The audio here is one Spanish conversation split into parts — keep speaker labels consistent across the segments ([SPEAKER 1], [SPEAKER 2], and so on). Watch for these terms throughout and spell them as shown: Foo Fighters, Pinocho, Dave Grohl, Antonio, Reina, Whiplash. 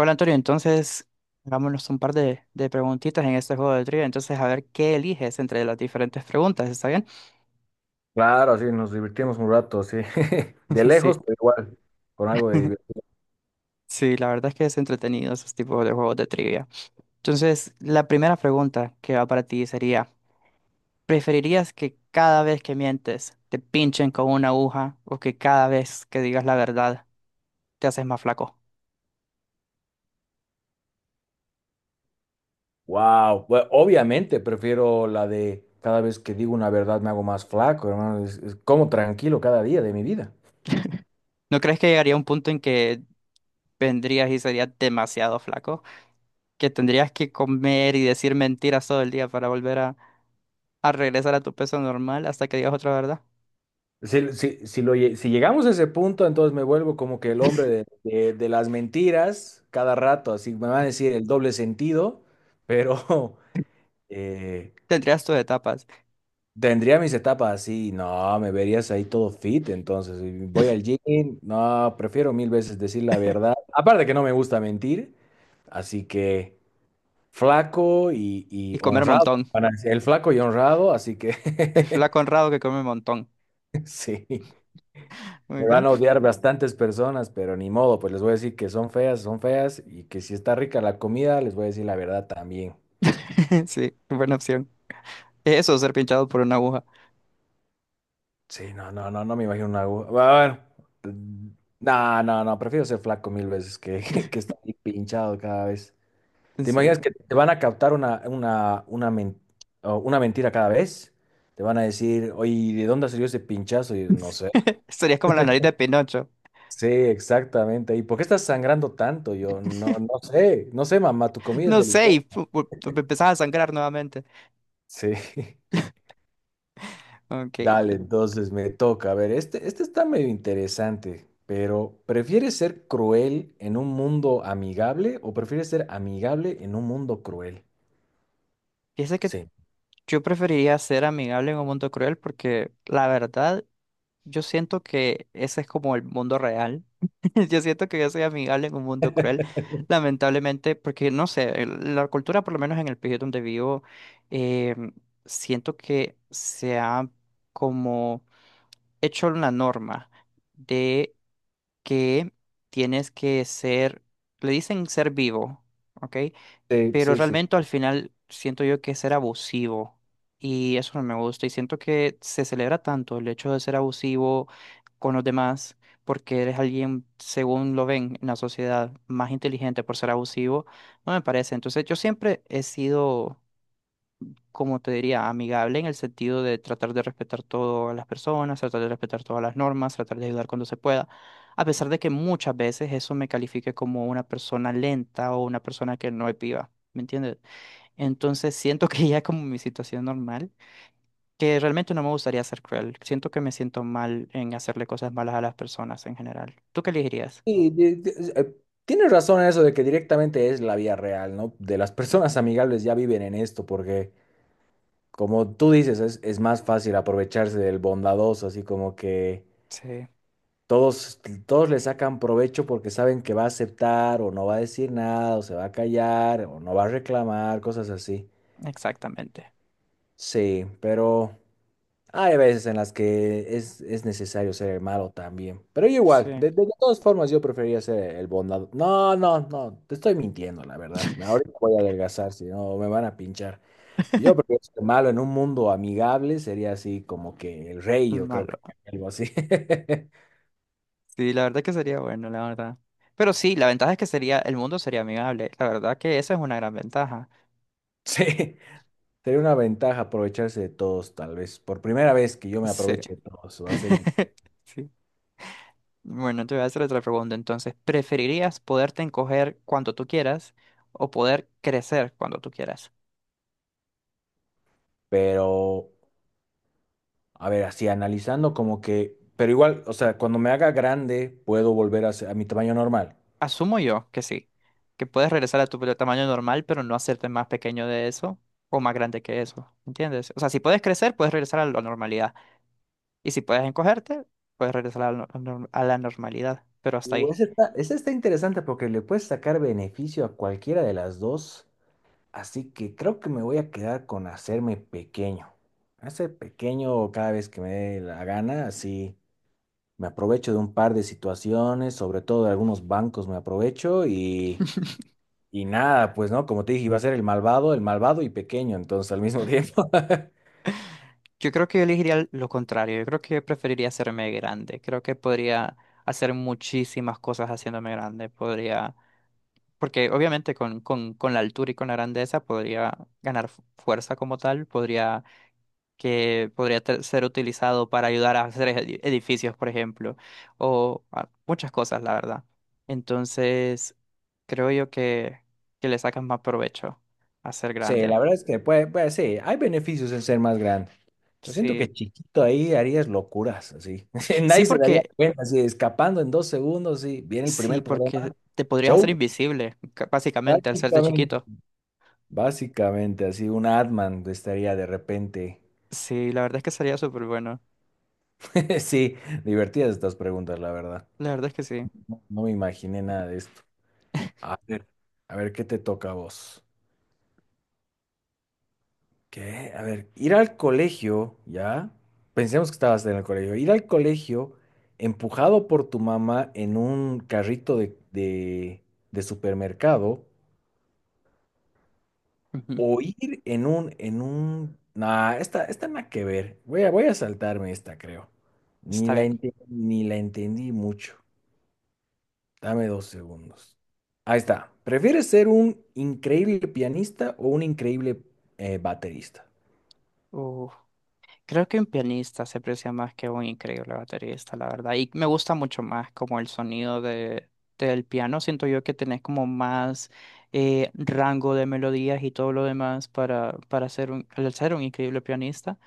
[SPEAKER 1] Hola Antonio, entonces hagámonos un par de preguntitas en este juego de trivia. Entonces, a ver qué eliges entre las diferentes preguntas, ¿está bien?
[SPEAKER 2] Claro, sí, nos divertimos un rato, sí. De lejos,
[SPEAKER 1] Sí,
[SPEAKER 2] pero igual, con algo de diversión.
[SPEAKER 1] sí, la verdad es que es entretenido esos tipos de juegos de trivia. Entonces, la primera pregunta que va para ti sería, ¿preferirías que cada vez que mientes te pinchen con una aguja o que cada vez que digas la verdad te haces más flaco?
[SPEAKER 2] Wow, obviamente prefiero la de cada vez que digo una verdad me hago más flaco, hermano. Es como tranquilo cada día de mi vida.
[SPEAKER 1] ¿No crees que llegaría un punto en que vendrías y serías demasiado flaco? Que tendrías que comer y decir mentiras todo el día para volver a regresar a tu peso normal hasta que digas otra verdad.
[SPEAKER 2] Si, si llegamos a ese punto, entonces me vuelvo como que el hombre de las mentiras cada rato, así me van a decir el doble sentido, pero eh,
[SPEAKER 1] Tendrías tus etapas
[SPEAKER 2] tendría mis etapas así. No, me verías ahí todo fit, entonces y voy al gym. No, prefiero mil veces decir la verdad, aparte que no me gusta mentir, así que flaco y
[SPEAKER 1] y comer
[SPEAKER 2] honrado,
[SPEAKER 1] montón.
[SPEAKER 2] van a decir, el flaco y honrado, así que
[SPEAKER 1] El flaco honrado que come montón.
[SPEAKER 2] sí,
[SPEAKER 1] Muy
[SPEAKER 2] me van
[SPEAKER 1] bien.
[SPEAKER 2] a odiar bastantes personas, pero ni modo, pues les voy a decir que son feas y que si está rica la comida, les voy a decir la verdad también.
[SPEAKER 1] Sí, buena opción. Eso, ser pinchado por una aguja.
[SPEAKER 2] Sí, no, no, no, no me imagino una aguja. Bueno, mm, no, no, no, prefiero ser flaco mil veces que, que estar ahí pinchado cada vez. ¿Te imaginas
[SPEAKER 1] Sí.
[SPEAKER 2] que te van a captar o una mentira cada vez? Te van a decir, oye, ¿de dónde salió ese pinchazo? Y yo, no sé.
[SPEAKER 1] Serías como la nariz de Pinocho.
[SPEAKER 2] Sí, exactamente. ¿Y por qué estás sangrando tanto? Yo no, no sé, no sé, mamá, tu comida es
[SPEAKER 1] No sé, y
[SPEAKER 2] deliciosa.
[SPEAKER 1] empezás a sangrar nuevamente.
[SPEAKER 2] Sí.
[SPEAKER 1] Ok.
[SPEAKER 2] Dale, entonces me toca. A ver, este está medio interesante, pero ¿prefieres ser cruel en un mundo amigable o prefieres ser amigable en un mundo cruel?
[SPEAKER 1] Fíjese que
[SPEAKER 2] Sí.
[SPEAKER 1] yo preferiría ser amigable en un mundo cruel porque la verdad yo siento que ese es como el mundo real. Yo siento que yo soy amigable en un mundo cruel, lamentablemente, porque no sé, la cultura, por lo menos en el país donde vivo, eh, siento que se ha como hecho una norma de que tienes que ser, le dicen ser vivo, ¿ok?
[SPEAKER 2] Sí,
[SPEAKER 1] Pero
[SPEAKER 2] sí, sí.
[SPEAKER 1] realmente al final siento yo que es ser abusivo y eso no me gusta y siento que se celebra tanto el hecho de ser abusivo con los demás porque eres alguien, según lo ven en la sociedad, más inteligente por ser abusivo, no me parece. Entonces yo siempre he sido, como te diría, amigable en el sentido de tratar de respetar todas las personas, tratar de respetar todas las normas, tratar de ayudar cuando se pueda. A pesar de que muchas veces eso me califique como una persona lenta o una persona que no es viva, ¿me entiendes? Entonces siento que ya como mi situación normal, que realmente no me gustaría ser cruel. Siento que me siento mal en hacerle cosas malas a las personas en general. ¿Tú qué elegirías?
[SPEAKER 2] Y, tienes razón en eso de que directamente es la vía real, ¿no? De las personas amigables ya viven en esto, porque como tú dices, es más fácil aprovecharse del bondadoso, así como que
[SPEAKER 1] Sí,
[SPEAKER 2] todos, todos le sacan provecho porque saben que va a aceptar o no va a decir nada o se va a callar o no va a reclamar, cosas así.
[SPEAKER 1] exactamente.
[SPEAKER 2] Sí, pero hay veces en las que es necesario ser el malo también. Pero yo igual,
[SPEAKER 1] Sí.
[SPEAKER 2] de todas formas yo prefería ser el bondado. No, no, no, te estoy mintiendo, la verdad. Ahorita voy a adelgazar, si no me van a pinchar. Yo prefiero ser malo en un mundo amigable, sería así como que el rey,
[SPEAKER 1] El
[SPEAKER 2] yo creo que
[SPEAKER 1] malo.
[SPEAKER 2] algo así.
[SPEAKER 1] Sí, la verdad que sería bueno, la verdad. Pero sí, la ventaja es que sería, el mundo sería amigable. La verdad que esa es una gran ventaja.
[SPEAKER 2] Sí. Sería una ventaja aprovecharse de todos, tal vez. Por primera vez que yo me
[SPEAKER 1] Sí.
[SPEAKER 2] aproveche de todos, va a ser.
[SPEAKER 1] Sí. Bueno, te voy a hacer otra pregunta entonces. ¿Preferirías poderte encoger cuando tú quieras o poder crecer cuando tú quieras?
[SPEAKER 2] Pero, a ver, así analizando, como que. Pero igual, o sea, cuando me haga grande, puedo volver a, a mi tamaño normal.
[SPEAKER 1] Asumo yo que sí, que puedes regresar a tu tamaño normal, pero no hacerte más pequeño de eso o más grande que eso, ¿entiendes? O sea, si puedes crecer, puedes regresar a la normalidad. Y si puedes encogerte, puedes regresar a la, nor- a la normalidad, pero hasta ahí.
[SPEAKER 2] Esa está interesante porque le puedes sacar beneficio a cualquiera de las dos. Así que creo que me voy a quedar con hacerme pequeño. Hacer pequeño cada vez que me dé la gana, así. Me aprovecho de un par de situaciones, sobre todo de algunos bancos me aprovecho. Y nada, pues no, como te dije, iba a ser el malvado y pequeño, entonces al mismo tiempo.
[SPEAKER 1] Yo creo que yo elegiría lo contrario, yo creo que preferiría hacerme grande, creo que podría hacer muchísimas cosas haciéndome grande, porque obviamente con la altura y con la grandeza podría ganar fuerza como tal, podría ser utilizado para ayudar a hacer edificios, por ejemplo, o ah, muchas cosas, la verdad. Entonces, creo yo que le sacan más provecho a ser
[SPEAKER 2] Sí,
[SPEAKER 1] grande.
[SPEAKER 2] la verdad es que puede, puede, sí, hay beneficios en ser más grande. Pero siento
[SPEAKER 1] Sí,
[SPEAKER 2] que chiquito ahí harías locuras, así.
[SPEAKER 1] sí
[SPEAKER 2] Nadie se daría
[SPEAKER 1] porque,
[SPEAKER 2] cuenta, así, escapando en dos segundos, sí. Viene el
[SPEAKER 1] sí
[SPEAKER 2] primer problema.
[SPEAKER 1] porque te podrías hacer
[SPEAKER 2] Show,
[SPEAKER 1] invisible, básicamente, al serte
[SPEAKER 2] básicamente.
[SPEAKER 1] chiquito.
[SPEAKER 2] Básicamente, así un Atman estaría de repente.
[SPEAKER 1] Sí, la verdad es que sería súper bueno.
[SPEAKER 2] Sí, divertidas estas preguntas, la verdad.
[SPEAKER 1] La verdad es que sí.
[SPEAKER 2] No, no me imaginé nada de esto. A ver, a ver, ¿qué te toca a vos? ¿Qué? A ver, ir al colegio, ¿ya? Pensemos que estabas en el colegio. Ir al colegio empujado por tu mamá en un carrito de supermercado
[SPEAKER 1] Ujú.
[SPEAKER 2] o ir en un... Nah, esta nada que ver. Voy a, voy a saltarme esta, creo.
[SPEAKER 1] Está bien.
[SPEAKER 2] Ni la entendí mucho. Dame dos segundos. Ahí está. ¿Prefieres ser un increíble pianista o un increíble baterista?
[SPEAKER 1] Uf. Creo que un pianista se aprecia más que un increíble baterista, la verdad. Y me gusta mucho más como el sonido del piano. Siento yo que tenés como más rango de melodías y todo lo demás para ser un, al ser un increíble pianista.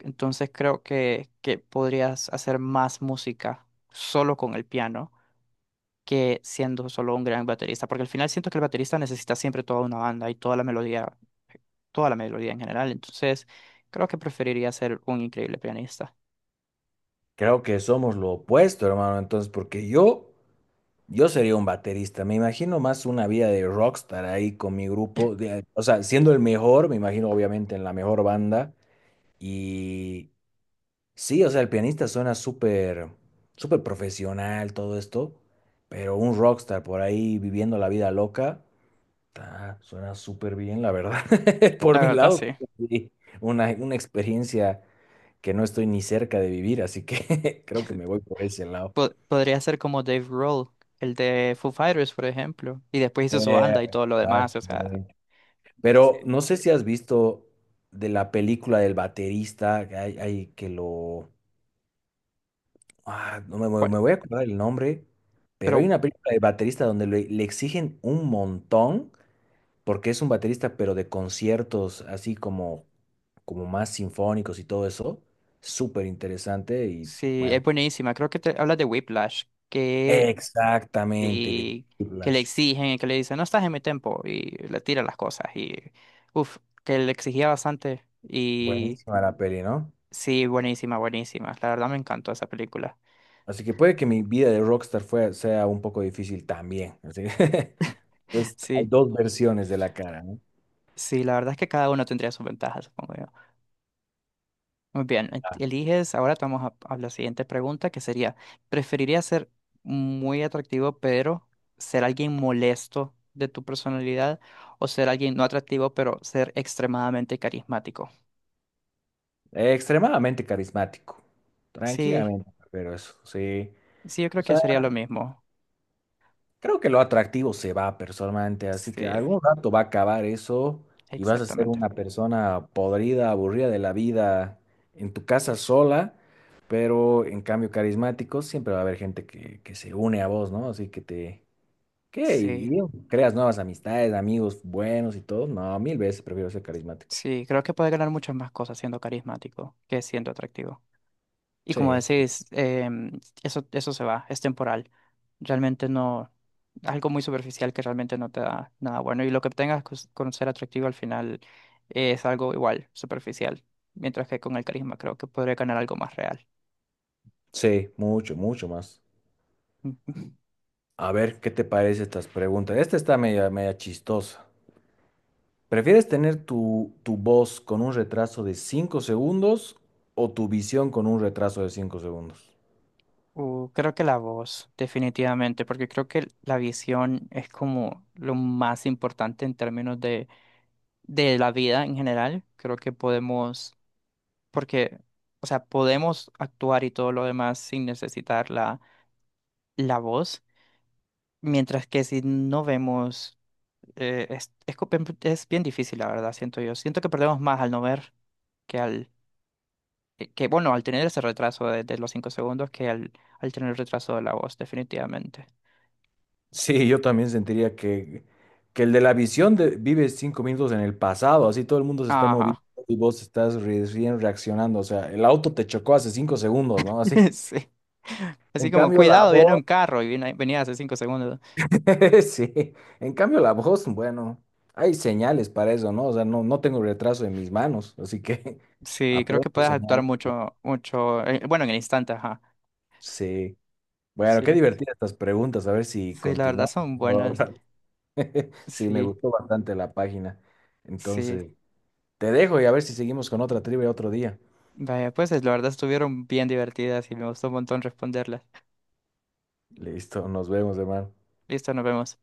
[SPEAKER 1] Entonces creo que podrías hacer más música solo con el piano que siendo solo un gran baterista, porque al final siento que el baterista necesita siempre toda una banda y toda la melodía en general, entonces creo que preferiría ser un increíble pianista.
[SPEAKER 2] Creo que somos lo opuesto, hermano. Entonces, porque yo sería un baterista. Me imagino más una vida de rockstar ahí con mi grupo. O sea, siendo el mejor, me imagino obviamente en la mejor banda. Y sí, o sea, el pianista suena súper, súper profesional, todo esto. Pero un rockstar por ahí viviendo la vida loca, ta, suena súper bien, la verdad. Por
[SPEAKER 1] La
[SPEAKER 2] mi
[SPEAKER 1] verdad, sí.
[SPEAKER 2] lado, sí, una experiencia que no estoy ni cerca de vivir, así que creo que me voy por ese lado.
[SPEAKER 1] Podría ser como Dave Grohl, el de Foo Fighters, por ejemplo, y después hizo su
[SPEAKER 2] Eh,
[SPEAKER 1] banda y todo lo demás, o sea,
[SPEAKER 2] Exactamente.
[SPEAKER 1] sí.
[SPEAKER 2] Pero no sé si has visto de la película del baterista, que hay que lo... Ah, no me, me-
[SPEAKER 1] Cual-
[SPEAKER 2] me voy a acordar el nombre, pero hay
[SPEAKER 1] Pero
[SPEAKER 2] una película del baterista donde le exigen un montón, porque es un baterista, pero de conciertos así como, como más sinfónicos y todo eso. Súper interesante y
[SPEAKER 1] sí, es
[SPEAKER 2] bueno.
[SPEAKER 1] buenísima. Creo que te hablas de Whiplash, que
[SPEAKER 2] Exactamente, de
[SPEAKER 1] y que le
[SPEAKER 2] Whiplash.
[SPEAKER 1] exigen y que le dicen, no estás en mi tiempo y le tira las cosas y uff, que le exigía bastante y
[SPEAKER 2] Buenísima la peli, ¿no?
[SPEAKER 1] sí, buenísima, buenísima. La verdad me encantó esa película.
[SPEAKER 2] Así que puede que mi vida de rockstar sea un poco difícil también, así que, pues hay
[SPEAKER 1] Sí,
[SPEAKER 2] dos versiones de la cara, ¿no?
[SPEAKER 1] sí, la verdad es que cada uno tendría sus ventajas, supongo yo. Muy bien, eliges, ahora te vamos a la siguiente pregunta que sería, ¿preferiría ser muy atractivo pero ser alguien molesto de tu personalidad o ser alguien no atractivo pero ser extremadamente carismático?
[SPEAKER 2] Extremadamente carismático,
[SPEAKER 1] Sí.
[SPEAKER 2] tranquilamente, pero eso, sí.
[SPEAKER 1] Sí, yo creo
[SPEAKER 2] O
[SPEAKER 1] que
[SPEAKER 2] sea,
[SPEAKER 1] sería lo mismo.
[SPEAKER 2] creo que lo atractivo se va personalmente, así
[SPEAKER 1] Sí,
[SPEAKER 2] que algún rato va a acabar eso y vas a ser
[SPEAKER 1] exactamente.
[SPEAKER 2] una persona podrida, aburrida de la vida en tu casa sola, pero en cambio carismático siempre va a haber gente que se une a vos, ¿no? Así que te ¿qué?
[SPEAKER 1] Sí,
[SPEAKER 2] Y pues, creas nuevas amistades, amigos buenos y todo. No, mil veces prefiero ser carismático.
[SPEAKER 1] sí, creo que puede ganar muchas más cosas siendo carismático que siendo atractivo. Y como
[SPEAKER 2] Sí, sí.
[SPEAKER 1] decís, eso, eso se va, es temporal. Realmente no, algo muy superficial que realmente no te da nada bueno. Y lo que obtengas con ser atractivo al final es algo igual, superficial. Mientras que con el carisma creo que podría ganar algo más real.
[SPEAKER 2] Sí, mucho, mucho más. A ver, ¿qué te parece estas preguntas? Esta está media, media chistosa. ¿Prefieres tener tu, tu voz con un retraso de 5 segundos o tu visión con un retraso de 5 segundos?
[SPEAKER 1] Creo que la voz, definitivamente, porque creo que la visión es como lo más importante en términos de la vida en general. Creo que podemos, porque, o sea, podemos actuar y todo lo demás sin necesitar la voz, mientras que si no vemos, es bien difícil, la verdad, siento yo. Siento que perdemos más al no ver que al tener ese retraso de los cinco segundos que al tener el retraso de la voz, definitivamente.
[SPEAKER 2] Sí, yo también sentiría que el de la visión vive 5 minutos en el pasado, así todo el mundo se está moviendo
[SPEAKER 1] Ajá.
[SPEAKER 2] y vos estás recién reaccionando. O sea, el auto te chocó hace 5 segundos, ¿no? Así.
[SPEAKER 1] Sí. Así
[SPEAKER 2] En
[SPEAKER 1] como,
[SPEAKER 2] cambio, la
[SPEAKER 1] cuidado, viene
[SPEAKER 2] voz,
[SPEAKER 1] un carro y venía hace 5 segundos.
[SPEAKER 2] sí, en cambio la voz, bueno, hay señales para eso, ¿no? O sea, no, no tengo retraso en mis manos, así que
[SPEAKER 1] Sí, creo que
[SPEAKER 2] aprendo
[SPEAKER 1] puedes actuar
[SPEAKER 2] señales.
[SPEAKER 1] mucho, bueno, en el instante, ajá.
[SPEAKER 2] Sí. Bueno,
[SPEAKER 1] Sí,
[SPEAKER 2] qué
[SPEAKER 1] la,
[SPEAKER 2] divertidas estas preguntas, a ver si
[SPEAKER 1] sí, la verdad
[SPEAKER 2] continuamos.
[SPEAKER 1] son
[SPEAKER 2] ¿No?
[SPEAKER 1] buenas.
[SPEAKER 2] Sí, me
[SPEAKER 1] Sí,
[SPEAKER 2] gustó bastante la página.
[SPEAKER 1] sí.
[SPEAKER 2] Entonces, te dejo y a ver si seguimos con otra trivia otro día.
[SPEAKER 1] Vaya, pues la verdad estuvieron bien divertidas y me gustó un montón responderlas.
[SPEAKER 2] Listo, nos vemos, hermano.
[SPEAKER 1] Listo, nos vemos.